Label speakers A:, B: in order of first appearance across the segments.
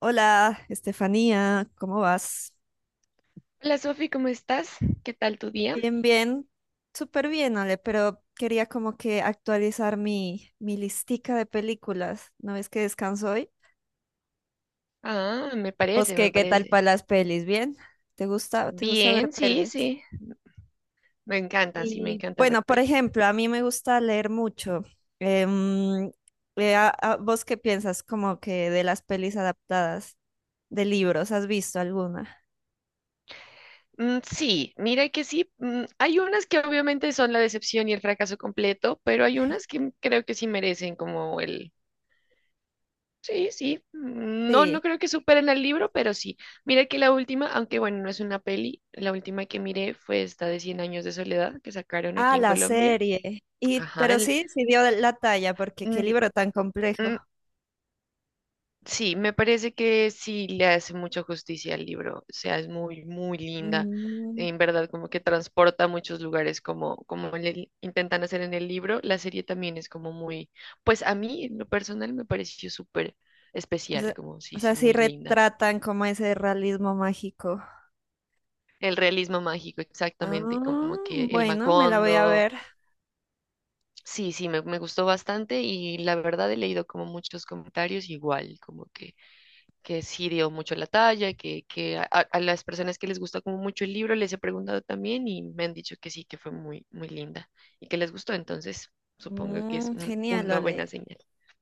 A: Hola, Estefanía, ¿cómo vas?
B: Hola Sofi, ¿cómo estás? ¿Qué tal tu día?
A: Bien, bien, súper bien, Ale, pero quería como que actualizar mi listica de películas. ¿No ves que descanso hoy?
B: Ah, me
A: ¿Vos
B: parece,
A: qué,
B: me
A: qué tal
B: parece.
A: para las pelis? ¿Bien? ¿Te gusta ver
B: Bien, sí,
A: pelis?
B: sí. Me encanta, sí, me
A: Y
B: encanta
A: bueno,
B: ver
A: por
B: pelis.
A: ejemplo, a mí me gusta leer mucho. Em, ¿Vos qué piensas como que de las pelis adaptadas de libros? ¿Has visto alguna?
B: Mm, sí, mira que sí. Hay unas que obviamente son la decepción y el fracaso completo, pero hay unas que creo que sí merecen como el... Sí, sí. No,
A: Sí.
B: no creo que superen al libro, pero sí. Mira que la última, aunque bueno, no es una peli, la última que miré fue esta de Cien años de soledad que sacaron
A: Ah,
B: aquí en
A: la
B: Colombia.
A: serie.
B: Ajá,
A: Pero sí, sí dio la talla, porque qué
B: mm,
A: libro tan complejo.
B: mm, sí, me parece que sí le hace mucha justicia al libro, o sea, es muy muy linda,
A: Mm.
B: en verdad, como que transporta a muchos lugares como, como le intentan hacer en el libro, la serie también es como muy, pues a mí en lo personal me pareció súper
A: o
B: especial,
A: sea,
B: como
A: o
B: sí, sí,
A: sea, sí
B: muy linda.
A: retratan como ese realismo mágico.
B: El realismo mágico, exactamente,
A: Ah,
B: como que el
A: bueno, me la voy a
B: Macondo.
A: ver.
B: Sí, sí, me gustó bastante y la verdad he leído como muchos comentarios igual, como que sí dio mucho la talla, que, a las personas que les gusta como mucho el libro les he preguntado también y me han dicho que sí, que fue muy muy linda y que les gustó, entonces supongo que es
A: Genial,
B: una buena
A: Ole.
B: señal.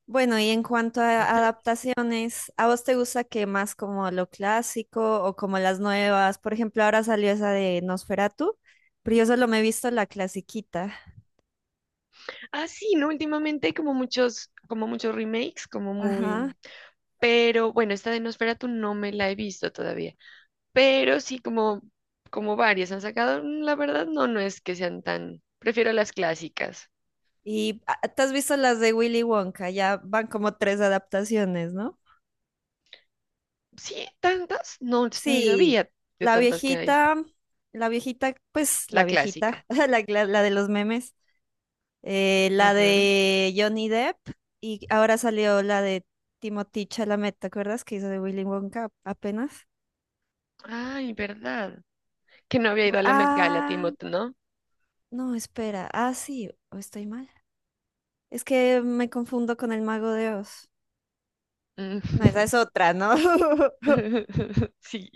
A: Bueno, y en cuanto a
B: Ujú.
A: adaptaciones, ¿a vos te gusta que más como lo clásico o como las nuevas? Por ejemplo, ahora salió esa de Nosferatu, pero yo solo me he visto la clasiquita.
B: Ah, sí, ¿no? Últimamente hay como muchos remakes, como
A: Ajá.
B: muy... Pero bueno, esta de Nosferatu no me la he visto todavía, pero sí como, como varias han sacado. La verdad no, no es que sean tan, prefiero las clásicas.
A: ¿Y te has visto las de Willy Wonka? Ya van como tres adaptaciones, ¿no?
B: Sí, tantas, no, ni
A: Sí,
B: sabía de
A: la
B: tantas que hay,
A: viejita, la viejita, pues la
B: la
A: viejita,
B: clásica.
A: la de los memes, la
B: Ujú.
A: de Johnny Depp y ahora salió la de Timothée Chalamet, ¿te acuerdas que hizo de Willy Wonka apenas?
B: Ay, verdad, que no había ido a la Met Gala,
A: Ah,
B: Timothy, ¿no?
A: no, espera, ah, sí, o estoy mal. Es que me confundo con el Mago de Oz.
B: Mm.
A: No, esa es otra, ¿no?
B: Sí,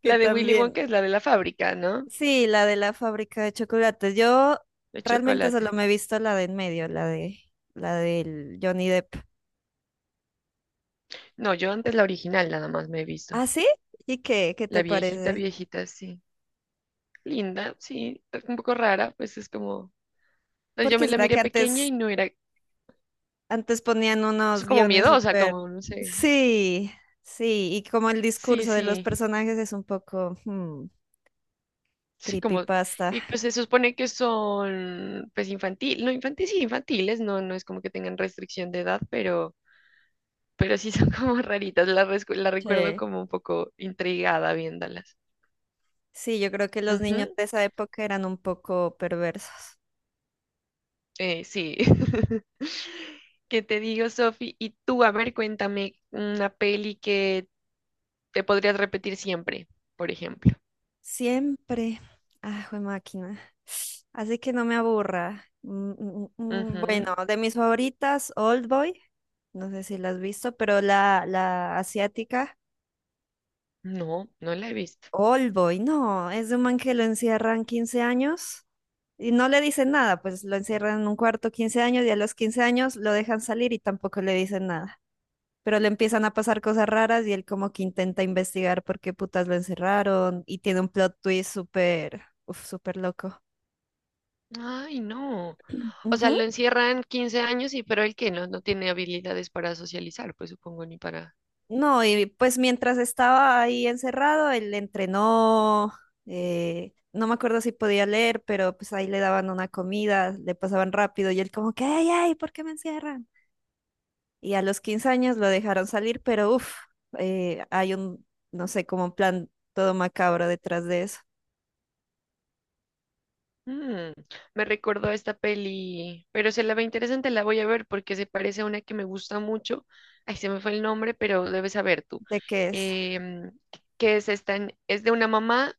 A: Que
B: la de Willy
A: también.
B: Wonka es la de la fábrica, ¿no?
A: Sí, la de la fábrica de chocolates. Yo
B: De
A: realmente solo
B: chocolate.
A: me he visto la de en medio, la del Johnny Depp.
B: No, yo antes la original nada más me he visto.
A: ¿Ah, sí? ¿Y qué? ¿Qué te
B: La viejita,
A: parece?
B: viejita, sí. Linda, sí, un poco rara, pues es como... pues yo me
A: Porque
B: la
A: será
B: miré
A: que antes,
B: pequeña y no era,
A: antes ponían
B: es
A: unos
B: como
A: guiones
B: miedosa,
A: súper.
B: como, no sé.
A: Sí, sí, y como el
B: Sí,
A: discurso de los
B: sí.
A: personajes es un poco
B: Sí, como,
A: creepypasta.
B: y pues se supone que son, pues infantil, no infantiles, sí, infantiles, no, no es como que tengan restricción de edad, pero sí son como raritas, la recuerdo
A: Sí.
B: como un poco intrigada viéndolas.
A: Sí, yo creo que los niños
B: Ujú,
A: de esa época eran un poco perversos.
B: sí. ¿Qué te digo, Sofi? Y tú, a ver, cuéntame una peli que te podrías repetir siempre, por ejemplo.
A: Siempre. Ah, jue máquina. Así que no me aburra. Mm, mm, mm, mm.
B: Ujú.
A: Bueno, de mis favoritas, Old Boy. No sé si la has visto, pero la asiática.
B: No, no la he visto.
A: Old Boy, no, es de un man que lo encierran 15 años y no le dicen nada, pues lo encierran en un cuarto 15 años y a los 15 años lo dejan salir y tampoco le dicen nada. Pero le empiezan a pasar cosas raras y él como que intenta investigar por qué putas lo encerraron y tiene un plot twist súper, uf, súper loco.
B: Ay, no. O sea,
A: Ujú.
B: lo encierran 15 años y pero el que no, no tiene habilidades para socializar, pues supongo, ni para...
A: No, y pues mientras estaba ahí encerrado, él entrenó, no me acuerdo si podía leer, pero pues ahí le daban una comida, le pasaban rápido y él como que, ay, ay, ¿por qué me encierran? Y a los 15 años lo dejaron salir, pero uff, hay un, no sé, como un plan todo macabro detrás de eso,
B: Mm, me recordó a esta peli, pero se la ve interesante, la voy a ver porque se parece a una que me gusta mucho. Ay, se me fue el nombre, pero debes saber tú.
A: de qué es,
B: Em, ¿Que es esta? Es de una mamá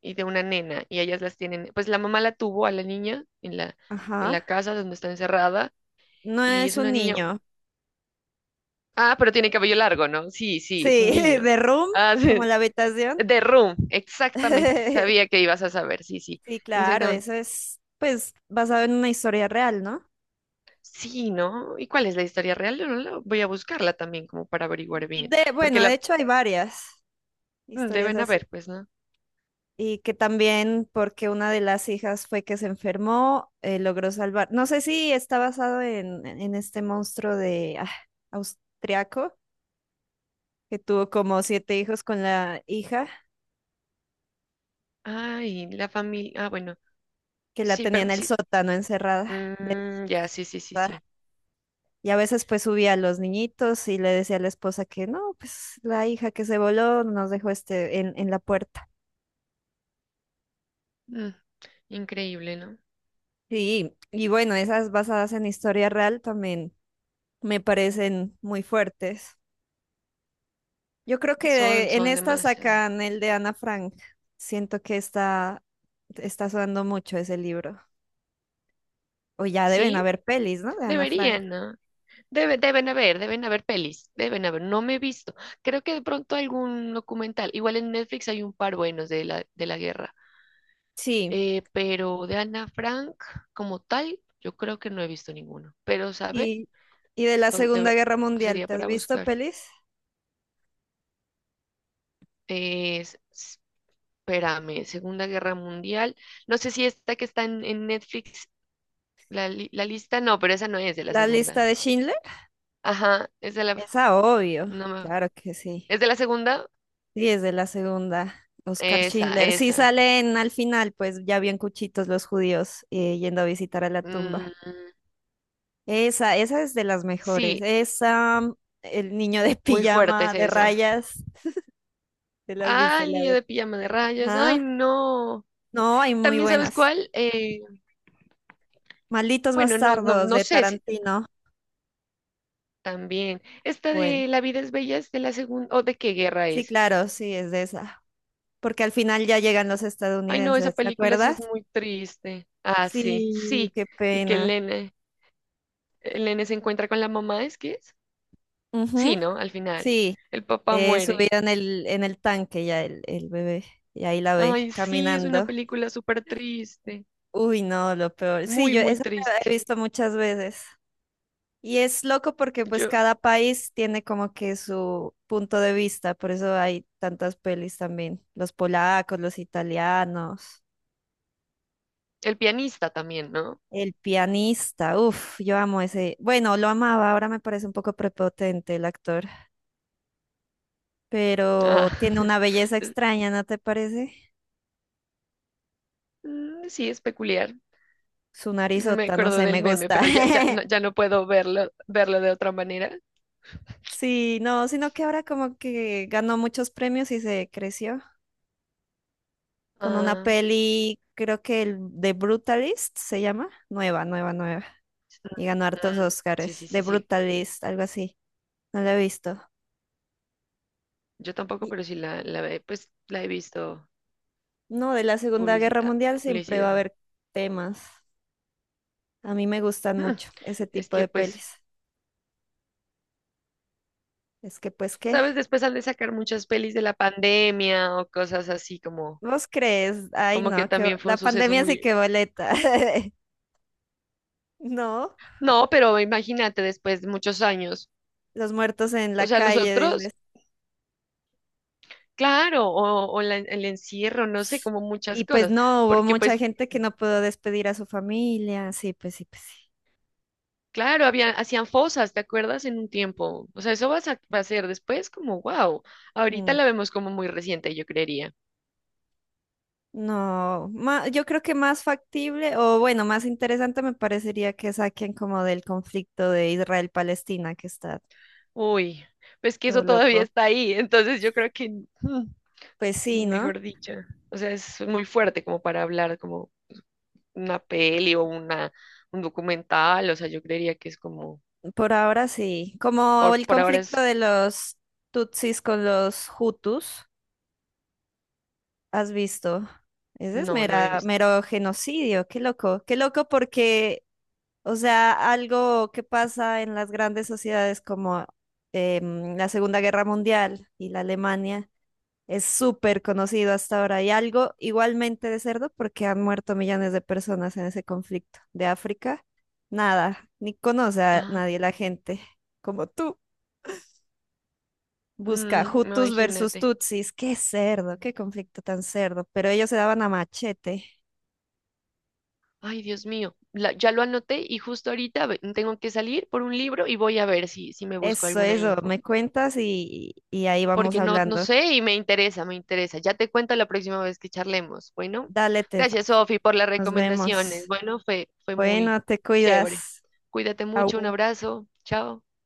B: y de una nena y ellas las tienen, pues la mamá la tuvo a la niña en
A: ajá,
B: la casa donde está encerrada
A: no
B: y
A: es
B: es una
A: un
B: niña.
A: niño,
B: Ah, pero tiene cabello largo, ¿no? Sí, sí, es
A: sí,
B: un niño.
A: de room,
B: Ah,
A: como
B: sí.
A: la habitación.
B: The Room, exactamente. Sabía que ibas a saber, sí, sí,
A: Sí, claro,
B: exactamente.
A: eso es pues basado en una historia real, ¿no?
B: Sí, ¿no? ¿Y cuál es la historia real? No, voy a buscarla también como para averiguar bien,
A: Bueno,
B: porque
A: de
B: la...
A: hecho hay varias historias
B: Deben
A: así.
B: haber, pues, ¿no?
A: Y que también porque una de las hijas fue que se enfermó, logró salvar. No sé si está basado en este monstruo de austriaco que tuvo como siete hijos con la hija,
B: Ay, la familia. Ah, bueno,
A: que la
B: sí,
A: tenía
B: pero
A: en el
B: sí.
A: sótano encerrada.
B: Ya, sí, sí, sí,
A: ¿Verdad?
B: sí.
A: Y a veces pues subía a los niñitos y le decía a la esposa que no, pues la hija que se voló nos dejó este en la puerta.
B: Mm, increíble, ¿no?
A: Sí, y bueno, esas basadas en historia real también me parecen muy fuertes. Yo creo que
B: Son,
A: en
B: son
A: esta
B: demasiado.
A: sacan el de Ana Frank. Siento que está sonando mucho ese libro. O ya deben
B: Sí,
A: haber pelis, ¿no? De Ana Frank.
B: deberían, ¿no? Deben haber, deben haber pelis, deben haber. No me he visto. Creo que de pronto algún documental. Igual en Netflix hay un par buenos de de la guerra.
A: Sí.
B: Pero de Ana Frank como tal, yo creo que no he visto ninguno. Pero, ¿sabe?
A: Y, y de la
B: Pues,
A: Segunda Guerra Mundial,
B: sería
A: ¿te has
B: para
A: visto
B: buscar.
A: pelis?
B: Es- Espérame, Segunda Guerra Mundial. No sé si esta que está en Netflix, la lista, no, pero esa no es de la
A: La lista
B: segunda.
A: de Schindler.
B: Ajá, es de la,
A: Esa, obvio.
B: no me-
A: Claro que sí.
B: ¿es de la segunda?
A: Sí, es de la segunda. Oscar
B: Esa,
A: Schindler. Sí
B: esa.
A: salen al final, pues ya bien cuchitos los judíos yendo a visitar a la
B: Mm,
A: tumba. Esa es de las mejores.
B: sí,
A: Esa, el niño de
B: muy fuerte
A: pijama
B: es
A: de
B: esa.
A: rayas, ¿te la has visto?
B: Ah, el
A: La
B: niño
A: de...
B: de pijama de rayas. Ay,
A: Ajá.
B: no.
A: No, hay muy
B: También, ¿sabes
A: buenas.
B: cuál?
A: Malditos
B: Bueno, no, no,
A: bastardos
B: no
A: de
B: sé si
A: Tarantino.
B: también. Esta
A: Bueno,
B: de La vida es bella es de la segunda, o de qué guerra
A: sí,
B: es.
A: claro, sí, es de esa. Porque al final ya llegan los
B: Ay, no, esa
A: estadounidenses, ¿te
B: película sí
A: acuerdas?
B: es muy triste. Ah, sí,
A: Sí,
B: sí.
A: qué
B: Y que
A: pena.
B: el nene se encuentra con la mamá, ¿es que es? Sí,
A: Ujú,
B: ¿no? Al final.
A: sí,
B: El papá muere.
A: subida en el tanque ya el bebé, y ahí la ve
B: Ay, sí, es una
A: caminando.
B: película súper triste.
A: Uy, no, lo peor. Sí,
B: Muy,
A: yo
B: muy
A: esa la he
B: triste.
A: visto muchas veces. Y es loco porque pues
B: Yo,
A: cada país tiene como que su punto de vista, por eso hay tantas pelis también. Los polacos, los italianos,
B: el pianista también, ¿no?
A: el pianista, uff, yo amo ese. Bueno, lo amaba, ahora me parece un poco prepotente el actor,
B: Ah.
A: pero tiene una belleza extraña, ¿no te parece?
B: Mm, sí, es peculiar.
A: Su
B: Me
A: narizota, no
B: acuerdo
A: sé,
B: del
A: me
B: meme,
A: gusta.
B: pero ya, ya, no, ya no puedo verlo de otra manera.
A: Sí, no, sino que ahora como que ganó muchos premios y se creció. Con una
B: Ah,
A: peli, creo que el The Brutalist se llama, nueva, nueva, nueva, y ganó hartos
B: sí,
A: Oscars,
B: sí,
A: The
B: sí, sí.
A: Brutalist, algo así, no la he visto.
B: Yo tampoco,
A: Y-
B: pero sí pues, la he visto
A: no, de la Segunda Guerra
B: publicidad,
A: Mundial siempre va a
B: publicidad.
A: haber temas, a mí me gustan
B: Mm,
A: mucho ese
B: es
A: tipo
B: que,
A: de
B: pues,
A: pelis. Es que, pues, ¿qué?
B: sabes, después han de sacar muchas pelis de la pandemia o cosas así como,
A: ¿Vos crees? Ay,
B: como que
A: no, que
B: también fue
A: la
B: un suceso
A: pandemia sí
B: muy...
A: que boleta. No,
B: No, pero imagínate, después de muchos años.
A: los muertos en la
B: O sea,
A: calle, dices.
B: nosotros... Claro, el encierro, no sé, como muchas
A: Y pues
B: cosas,
A: no, hubo
B: porque
A: mucha
B: pues,
A: gente que no pudo despedir a su familia. Sí, pues sí, pues sí.
B: claro, había, hacían fosas, ¿te acuerdas? En un tiempo, o sea, eso va a, va a ser después como, wow, ahorita
A: Mm.
B: la vemos como muy reciente, yo creería.
A: No, yo creo que más factible o bueno, más interesante me parecería que saquen como del conflicto de Israel-Palestina que está
B: Uy, pues que
A: todo
B: eso todavía
A: loco.
B: está ahí, entonces yo creo que, mm,
A: Pues sí, ¿no?
B: mejor dicho, o sea, es muy fuerte como para hablar como una peli o una, un documental, o sea, yo creería que es como,
A: Por ahora sí. Como el
B: por ahora
A: conflicto
B: es,
A: de los Tutsis con los Hutus, ¿has visto? Ese es
B: no, no he visto.
A: mero genocidio, qué loco porque, o sea, algo que pasa en las grandes sociedades como la Segunda Guerra Mundial y la Alemania. Es súper conocido hasta ahora y algo igualmente de cerdo porque han muerto millones de personas en ese conflicto. De África, nada, ni conoce a
B: Ah,
A: nadie la gente como tú. Busca Hutus versus
B: imagínate.
A: Tutsis. Qué cerdo, qué conflicto tan cerdo. Pero ellos se daban a machete.
B: Ay, Dios mío, ya lo anoté y justo ahorita tengo que salir por un libro y voy a ver si, si me busco
A: Eso,
B: alguna
A: eso,
B: info,
A: me cuentas y ahí vamos
B: porque no, no
A: hablando.
B: sé y me interesa, me interesa. Ya te cuento la próxima vez que charlemos. Bueno,
A: Dale, Tefa,
B: gracias, Sofi, por las
A: nos
B: recomendaciones.
A: vemos.
B: Bueno, fue muy
A: Bueno, te
B: chévere.
A: cuidas.
B: Cuídate mucho, un
A: Au.
B: abrazo, chao.